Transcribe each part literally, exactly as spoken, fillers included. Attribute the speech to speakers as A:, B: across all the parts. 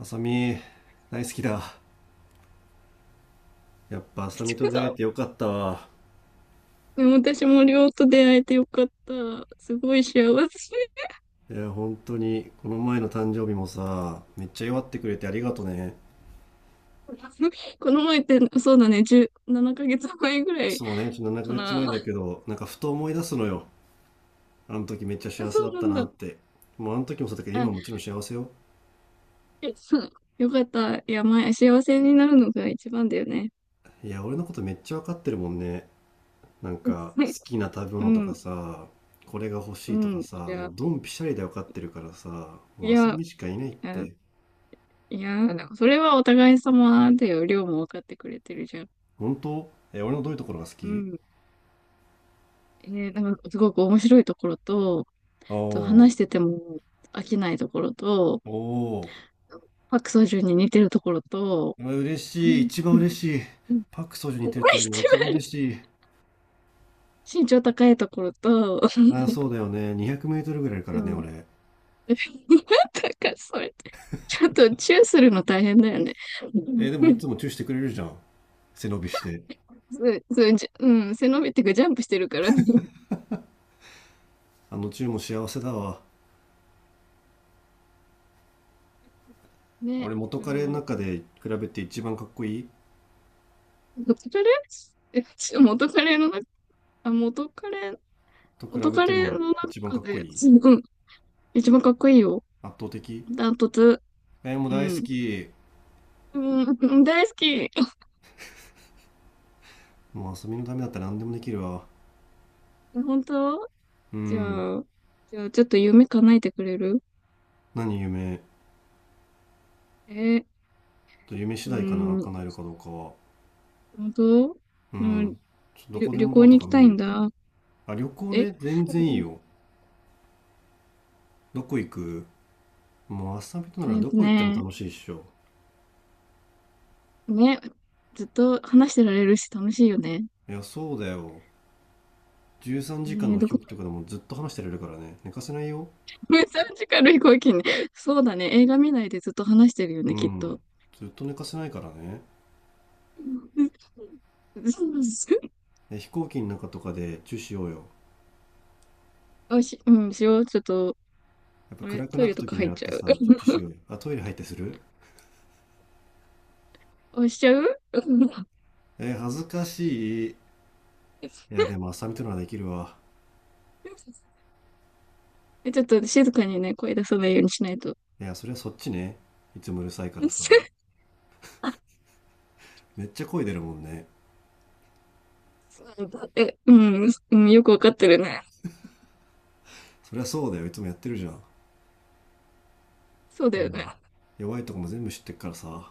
A: あさみ、大好きだ。やっぱあ さ
B: ち
A: みと
B: か
A: 出
B: さ
A: 会え
B: ん、
A: てよかったわ。
B: でも私もりょうと出会えてよかった。すごい幸せ。
A: いや、本当に、この前の誕生日もさ、めっちゃ祝ってくれてありがとね。
B: この前って、そうだね、じゅうななかげつまえぐらい
A: そうね、ちょっと7
B: か
A: ヶ月前
B: な。
A: だけど、なんかふと思い出すのよ。あの時めっちゃ
B: あ、
A: 幸
B: そ
A: せだっ
B: うな
A: た
B: ん
A: なっ
B: だ。
A: て。もうあの時もそうだけど、
B: あ、
A: 今もちろん幸せよ。
B: えそうよかった。いや、前、幸せになるのが一番だよね。
A: いや、俺のことめっちゃわかってるもんね。なんか、好 きな食べ
B: う
A: 物とか
B: ん、
A: さ、これが欲
B: う
A: しいと
B: ん。
A: か
B: い
A: さ、も
B: や、
A: うドンピシャリでわかってるからさ、も
B: い
A: うあさ
B: や、
A: みしかいないっ
B: いや、
A: て。
B: いやなんかそれはお互い様だよ。りょうも分かってくれてるじゃん。
A: 本当？え、俺のどういうところが好
B: う
A: き？
B: ん。えーなんかすごく面白いところと、
A: ああ
B: と
A: ー。
B: 話してても飽きないところと、
A: おお
B: パクソジュンに似てるところと、
A: ー、う嬉
B: う
A: しい、
B: ん、
A: 一番
B: うん、
A: 嬉しい。
B: うん、
A: パク・ソジュに似て
B: こ
A: るって
B: れ
A: いう
B: 一
A: のが一番
B: 番
A: 嬉しい。
B: 身長高いところと、
A: ああ、そうだよね。にひゃくメートルぐらいあるか
B: う
A: らね、
B: ん、なん
A: 俺。
B: かそれ、ちょっとチューするの大変だよね。
A: えーでも
B: う
A: い
B: ん、
A: つもチューしてくれるじゃん。背伸びして。
B: そうそう、じうん、背伸びっていうかジャンプしてるからね。
A: あのチューも幸せだわ。俺、
B: ね、
A: 元
B: で
A: 彼の
B: も、
A: 中で比べて一番かっこいい。
B: 元カレ、え、ち元カレの中、あ、元カレ、
A: と比
B: 元
A: べ
B: カ
A: て
B: レの
A: も一番
B: 中
A: かっこ
B: で、う
A: いい。
B: ん、一番かっこいいよ。
A: 圧倒的。
B: ダントツ。
A: えーもう
B: う
A: 大好
B: ん。
A: き。
B: うん、大好き。
A: もう遊びのためだったら何でもできるわ。
B: 本当？
A: う
B: じ
A: ん。
B: ゃあ、じゃあ、ちょっと夢叶えてくれる？
A: 何？夢？
B: えー、
A: と夢次
B: うー
A: 第かな、
B: ん、
A: 叶えるかどうかは。
B: 本当。
A: う
B: うん、
A: ん。ちょど
B: 旅、
A: こで
B: 旅
A: もド
B: 行
A: アと
B: に行
A: か
B: きた
A: 無
B: いん
A: 理。
B: だ。
A: あ、旅行
B: え、
A: ね、全然いいよ。どこ行く？もう朝びとな
B: え
A: ら
B: ー
A: ど
B: と
A: こ行っても
B: ね、
A: 楽しいっしょ。
B: ね、ずっと話してられるし楽しいよね。
A: いや、そうだよ。13
B: え
A: 時間
B: ー、
A: の
B: ど
A: 飛
B: こ
A: 行機とかでもずっと話してられるからね。寝かせないよ。
B: さんじかん の飛行機ね。そうだね、映画見ないでずっと話してるよ
A: う
B: ね、きっ
A: ん。
B: と。
A: ずっと寝かせないからね。
B: うん。
A: で、飛行機の中とかでチューしようよ。
B: あ、し、うん、しよう。ちょっと、
A: やっぱ
B: あれ、
A: 暗く
B: ト
A: な
B: イ
A: っ
B: レ
A: た
B: と
A: 時
B: か入
A: 狙
B: っ
A: っ
B: ちゃ
A: て
B: う？
A: さ、チュチュしようよ。あ、トイレ入ってする？
B: あ、しちゃう。うん。
A: えー、恥ずかしい。い や、でも朝びとならできるわ。
B: え、ちょっと静かにね、声出さないようにしないと。
A: いや、それはそっちね。いつもうるさいからさ。
B: あ、
A: めっちゃ声出るもんね。
B: そうだ。え、うん、うん、よくわかってるね。
A: そりゃそうだよ。いつもやってるじゃん。
B: そうだ
A: う
B: よね。
A: ん。弱いとこも全部知ってっからさ。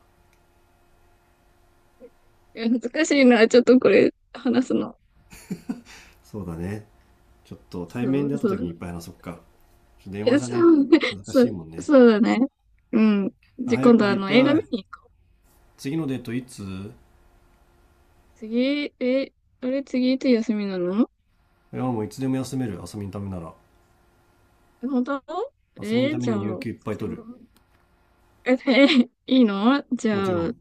B: え、恥ずかしいな、ちょっとこれ、話すの。
A: そうだね。ちょっと対面
B: そ
A: で会
B: う
A: った
B: そ
A: 時
B: う。
A: にいっぱい話そっか。ちょっと電話
B: え、
A: じゃ
B: そ
A: ね。
B: うね、
A: 恥ずか
B: そ
A: し
B: う、
A: いもんね。
B: そうだね。うん。
A: あ、
B: じゃ、
A: 早
B: 今
A: く
B: 度
A: 会
B: あ
A: い
B: の、映
A: た
B: 画見
A: い。
B: に行こう。
A: 次のデートいつ？
B: 次、え、あれ、次いつ休みなの？
A: いや、もういつでも休める。遊びのためなら。
B: え、本当？
A: 遊びのた
B: え、
A: め
B: じゃ
A: に有
B: あ、
A: 給いっぱい
B: じゃ
A: 取る。
B: あ、え、えいいの？じゃ
A: もちろ
B: あ、ん
A: ん。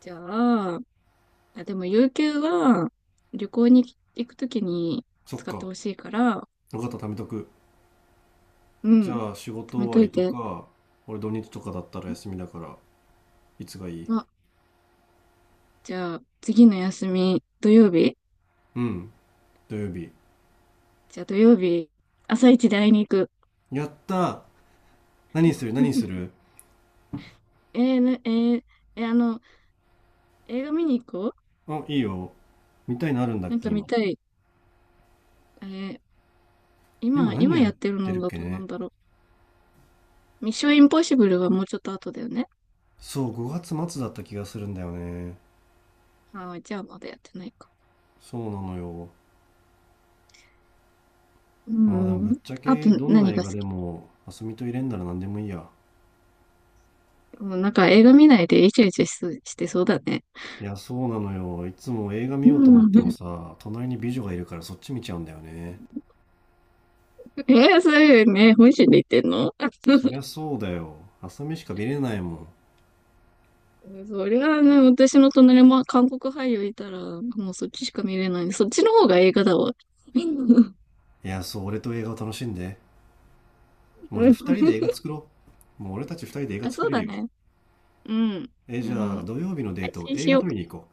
B: じゃあ、あ、でも、有給は、旅行に行くときに
A: そっ
B: 使って
A: か。
B: ほしいから、
A: よかった、貯めとく。
B: う
A: じ
B: ん、
A: ゃあ、仕事
B: 貯
A: 終
B: め
A: わ
B: と
A: り
B: い
A: と
B: て。
A: か、俺土日とかだったら休みだから、いつがいい？
B: あ、じゃあ、次の休み、土曜日？
A: うん、土曜日。
B: じゃあ、土曜日、朝一で会いに行く。
A: やったー。何する何 する？
B: えー、な、えーえーあの、映画見に行こう。
A: あ、いいよ。見たいのあるんだっ
B: なん
A: け、
B: か見
A: 今？
B: たい。え
A: 今
B: 今、
A: 何
B: 今
A: やる
B: や
A: っ
B: ってる
A: てる
B: の
A: っ
B: だ
A: け
B: とな
A: ね。
B: んだろう。ミッションインポッシブルはもうちょっと後だよね。
A: そう、ごがつ末だった気がするんだよね。
B: ああ、じゃあまだやってないか。
A: そうなのよ。
B: う
A: まあでも
B: ん。
A: ぶっちゃ
B: あ
A: け
B: と
A: どんな
B: 何
A: 映
B: が好
A: 画で
B: き？
A: も、あすみと入れんなら何でもいいや。
B: もうなんか映画見ないでイチャイチャしそうしてそうだね。
A: いや、そうなのよ。いつも映画見
B: う
A: ようと思っても
B: ん。
A: さ、隣に美女がいるからそっち見ちゃうんだよね。
B: えー、そういうね、本心で言ってんの？
A: そりゃ そうだよ。あすみしか見れないもん。
B: そりゃあね、私の隣も韓国俳優いたら、もうそっちしか見れない。そっちの方が映画だわ。うん。
A: いや、そう、俺と映画を楽しんで。もうじゃあ二人で 映画作ろう。もう俺たち二人で映画
B: あ、
A: 作
B: そう
A: れる
B: だ
A: よ。
B: ね。うん。
A: え、
B: あ
A: じゃあ
B: の、
A: 土曜日のデー
B: 配
A: ト、
B: 信
A: 映
B: し
A: 画
B: よう
A: 撮り
B: か。
A: に行こ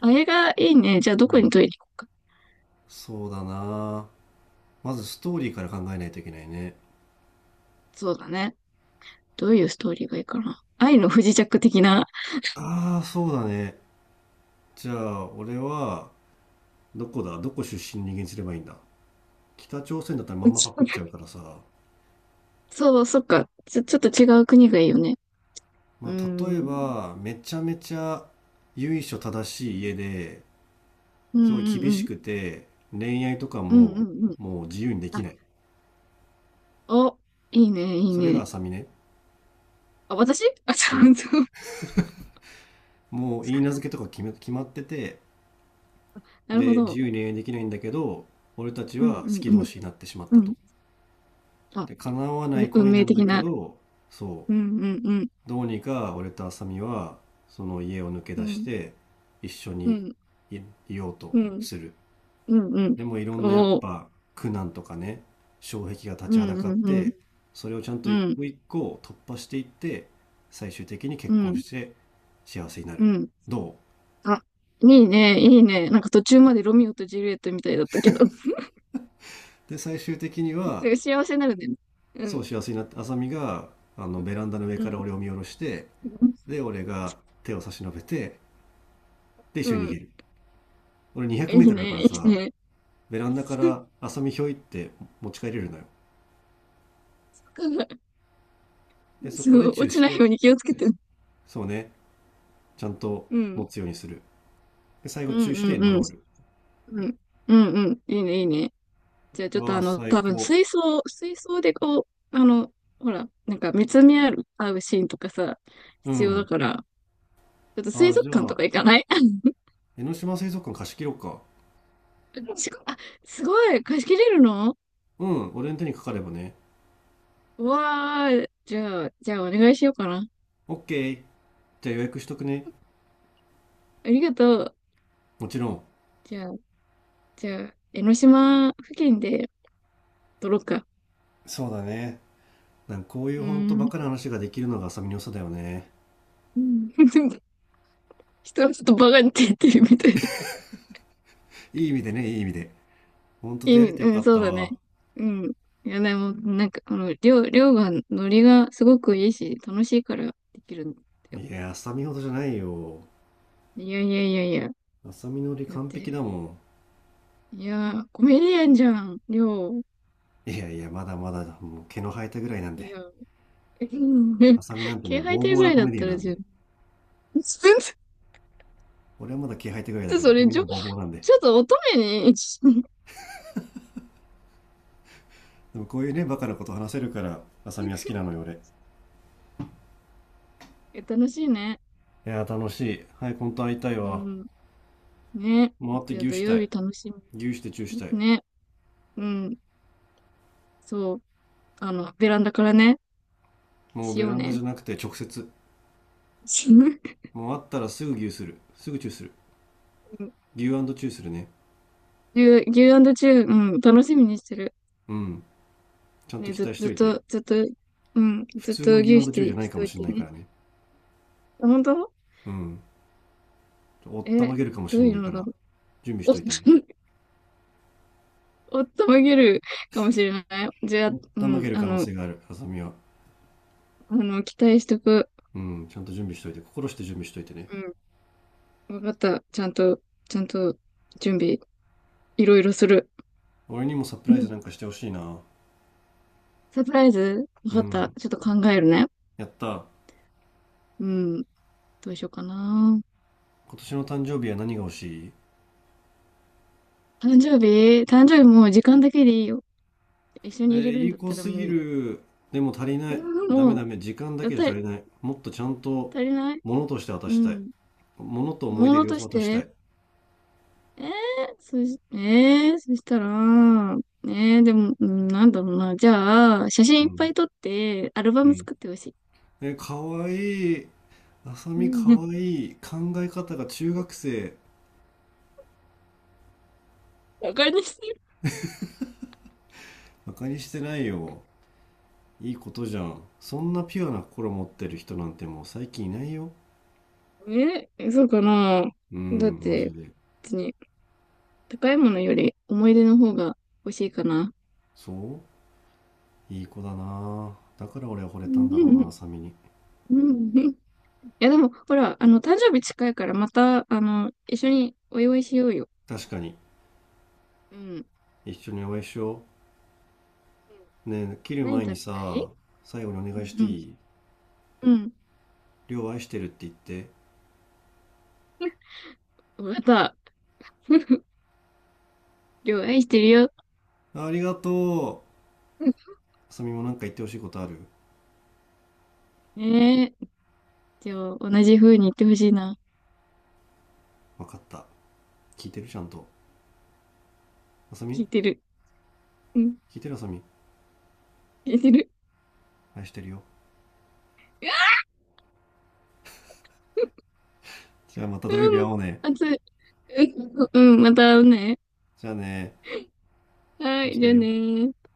B: あ、映画いいね。じゃあど
A: う。う
B: こに
A: ん。
B: 撮りに行こうか。
A: そうだな。まずストーリーから考えないといけないね。
B: そうだね。どういうストーリーがいいかな。愛の不時着的な。
A: ああ、そうだね。じゃあ、俺は、どこだ？どこ出身の人間にすればいいんだ？北朝鮮だったらまんまパクっちゃう からさ、
B: そう、そっか。ちょ、ちょっと違う国がいいよね。う
A: まあ、例え
B: ん。
A: ばめちゃめちゃ由緒正しい家で、
B: うん
A: すごい
B: うん
A: 厳
B: う
A: し
B: ん。
A: くて、恋愛とか
B: うん
A: も
B: うんうん。
A: もう自由にでき
B: あ、
A: ない。
B: お、いいね、いい
A: それが
B: ね。
A: 浅見ね。
B: あ、私。 あ、そ
A: そ
B: うそう。
A: う、もういい名付けとか決め、決まってて、
B: なるほ
A: で自
B: ど。
A: 由に恋愛できないんだけど、俺たち
B: うん
A: は好き
B: うんう
A: 同
B: ん。
A: 士になってしまっ
B: う
A: たと。
B: ん。あ、
A: で叶わない
B: ね、運
A: 恋な
B: 命
A: んだ
B: 的
A: け
B: な。
A: ど、そ
B: う
A: う、
B: んうんうん。
A: どうにか俺と浅見はその家を抜け
B: う
A: 出し
B: ん。
A: て一緒
B: う
A: に
B: ん。
A: いようと
B: うん。
A: する。
B: うん。
A: でもいろんなやっ
B: おお。
A: ぱ苦難とかね、障壁が立
B: う
A: ちはだ
B: ん
A: かっ
B: うんうん。
A: て、それをちゃんと
B: う
A: 一
B: ん。
A: 個一個突破していって、最終的に
B: う
A: 結婚
B: ん。
A: して幸せにな
B: う
A: る。
B: ん。
A: ど
B: あ、いいね。いいね。なんか途中までロミオとジュリエットみたいだったけど。
A: う？で最終的には
B: 幸せになるね。う
A: そう
B: ん。
A: 幸せになって、浅見があのベランダの上
B: う
A: から
B: ん。
A: 俺を見下ろして、
B: うん。
A: で俺が手を差し伸べて、で
B: う
A: 一緒に逃げ
B: ん、
A: る。俺
B: いい
A: にひゃくメートル だか
B: ね。
A: ら
B: いい
A: さ、
B: ね。
A: ベランダか ら浅見ひょいって持ち帰れるのよ。で、そ
B: そ
A: こで
B: う、
A: チ
B: 落
A: ュー
B: ち
A: し
B: ないよ
A: て、
B: うに気をつけて。
A: そうね、ちゃんと
B: う
A: 持
B: ん。
A: つようにする。で、最後
B: う
A: チ
B: ん
A: ューし
B: う
A: て
B: ん
A: ノ
B: う
A: ロ
B: ん。
A: ール。
B: うん。うんうん。いいね。いいね。じゃあちょっと
A: わ
B: あ
A: あ、
B: の、
A: 最
B: 多分
A: 高。
B: 水槽、水槽でこう、あの、ほら、なんか見つめ合う、合うシーンとかさ、
A: う
B: 必要だ
A: ん。
B: から、ちょっと
A: あ
B: 水
A: あ、じ
B: 族
A: ゃ
B: 館と
A: あ、
B: か行かない？
A: 江ノ島水族館貸し切ろうか。
B: すご、 あ、すごい、貸し切れるの？
A: うん、俺の手にかかればね。
B: うわー、じゃあ、じゃあお願いしようかな。
A: オッケー。じゃあ予約しとくね。
B: ありがとう。
A: もちろん。
B: じゃあ、じゃあ、江ノ島付近で撮ろうか。
A: そうだね。なんかこうい
B: う
A: うほんと
B: ー
A: バ
B: ん。
A: カな話ができるのが浅見の良さだよね。
B: うん。 人はちょっとバカにって言ってるみたい。
A: いい意味でね、いい意味で。ほんと
B: 意
A: 出
B: 味、
A: 会えてよ
B: う
A: か
B: ん、
A: っ
B: そ
A: た
B: うだね。
A: わ。
B: うん。いや、でも、なんか、あの、りょう、りょうが、ノリがすごくいいし、楽しいからできるんだよ。
A: いや、浅見ほどじゃないよ。
B: いやいやいやいや。
A: 浅見のり
B: だっ
A: 完璧だ
B: て、
A: もん。
B: いや、コメディアンじゃん、りょう。
A: いやいや、まだまだ、もう毛の生えたぐらいなん
B: い
A: で。
B: や、うん、
A: あさなんてね、
B: 気配
A: ボー
B: 艇
A: ボー
B: ぐ
A: な
B: らい
A: コ
B: だっ
A: メディア
B: た
A: ンな
B: ら
A: んで。
B: 十分。全
A: 俺はまだ毛生えたぐらいだ
B: 然、
A: けど、
B: そ
A: あさ
B: れ、
A: み
B: ち
A: の
B: ょ、
A: ボーボーなんで。
B: ちょっと乙女に。
A: でもこういうね、バカなこと話せるから、あさは好きなのよ、俺。い
B: え。 楽しいね。
A: やー、楽しい。はい、本当会いたい
B: う
A: わ。
B: ん。ね。
A: もう会
B: じ
A: っ
B: ゃあ
A: て
B: 土
A: 牛した
B: 曜
A: い。
B: 日楽し
A: 牛してチューしたい。
B: み。ね。うん。そう。あの、ベランダからね、
A: もう
B: し
A: ベ
B: よう
A: ランダじゃ
B: ね。
A: なくて直接。もう会ったらすぐ牛する。すぐチューする。牛チューするね。
B: 牛、牛チュー、うん、楽しみにしてる。
A: うん。ちゃんと
B: ね、
A: 期
B: ず、
A: 待し
B: ず
A: と
B: っ
A: いて。
B: と、ずっと、うん、
A: 普
B: ずっ
A: 通
B: と
A: の牛チ
B: 牛
A: ュ
B: し
A: ーじゃ
B: て、
A: ない
B: し
A: か
B: てお
A: も
B: い
A: しん
B: て
A: ないか
B: ね。
A: らね。
B: あ、本当？
A: うん。おったま
B: え、
A: げるかも
B: ど
A: し
B: う
A: ん
B: い
A: な
B: う
A: いか
B: のだ
A: ら、
B: ろう。
A: 準備し
B: お
A: と
B: っ
A: い
B: と、
A: てね。
B: おっとめげるかもしれない。じゃあ、
A: おっ
B: う
A: たま
B: ん、
A: げる
B: あ
A: 可能
B: の、
A: 性がある、あさみは。
B: あの、期待しとく。
A: うん、ちゃんと準備しといて、心して準備しといてね。
B: うん、わかった。ちゃんと、ちゃんと、準備、いろいろする。
A: 俺にもサプ
B: う
A: ライズ
B: ん、
A: なんかしてほしいな。
B: サプライズわ
A: う
B: かった。
A: ん。
B: ちょっと考えるね。
A: やった。
B: うん、どうしようかな。
A: 今年の誕生日は何が欲しい？
B: 誕生日誕生日もう時間だけでいいよ。一緒
A: え
B: に入
A: ー、
B: れる
A: い
B: ん
A: い
B: だっ
A: 子
B: たら、
A: すぎ
B: も
A: る。でも足りない。
B: う、
A: ダメ
B: もう、
A: ダメ。時間だ
B: やっ
A: けじ
B: ぱ
A: ゃ
B: り
A: 足りない。もっとちゃんと、
B: 足りない。
A: 物として渡
B: う
A: したい。
B: ん。
A: 物と思い
B: も
A: 出
B: の
A: 両
B: とし
A: 方渡した
B: て。
A: い。
B: えー、そし、えー、そしたら、えー、でも、うん、なんだろうな。じゃあ、写真
A: う
B: いっぱ
A: ん。
B: い撮って、アルバ
A: う
B: ム
A: ん。
B: 作ってほしい。
A: えー、かわいい。あさ
B: う
A: みか
B: ん。
A: わ いい。考え方が中学生。
B: バカにして
A: 馬鹿にしてないよ。いいことじゃん。そんなピュアな心持ってる人なんてもう最近いないよ。
B: る？え、そうかな。
A: う
B: だっ
A: ん、マジ
B: て、
A: で。
B: 別に、高いものより思い出の方が欲しいかな。
A: そう、いい子だな。だから俺は惚れ
B: う
A: たんだろう
B: ん。
A: な、サミに。
B: うん、いや、でも、ほら、あの、誕生日近いから、また、あの、一緒にお祝いしようよ。
A: 確かに。
B: うん。
A: 一緒にお会いしよ
B: うん、
A: う。ねえ、切る
B: 何食
A: 前
B: べ
A: に
B: たい？
A: さ、最後にお願いし
B: う
A: てい
B: ん。
A: い？
B: うん。
A: りょう愛してるって言って。
B: また、両愛してるよ。
A: ありがとう。あさみもなんか言ってほしいことある？
B: ねえ。じゃあ、同じ風に言ってほしいな。
A: わかった。聞いてる、ちゃんと。あさみ。
B: 聞いてる。うん、
A: 聞いてる？あさみ、
B: 聞いてる。
A: 愛してるよ。
B: あ、
A: じゃあまた土曜日会
B: も
A: お
B: う、
A: うね。
B: 熱い。うん、うん、また会うね。
A: じゃあね。
B: は
A: 愛し
B: い、じ
A: て
B: ゃ
A: る
B: あ
A: よ。
B: ねー。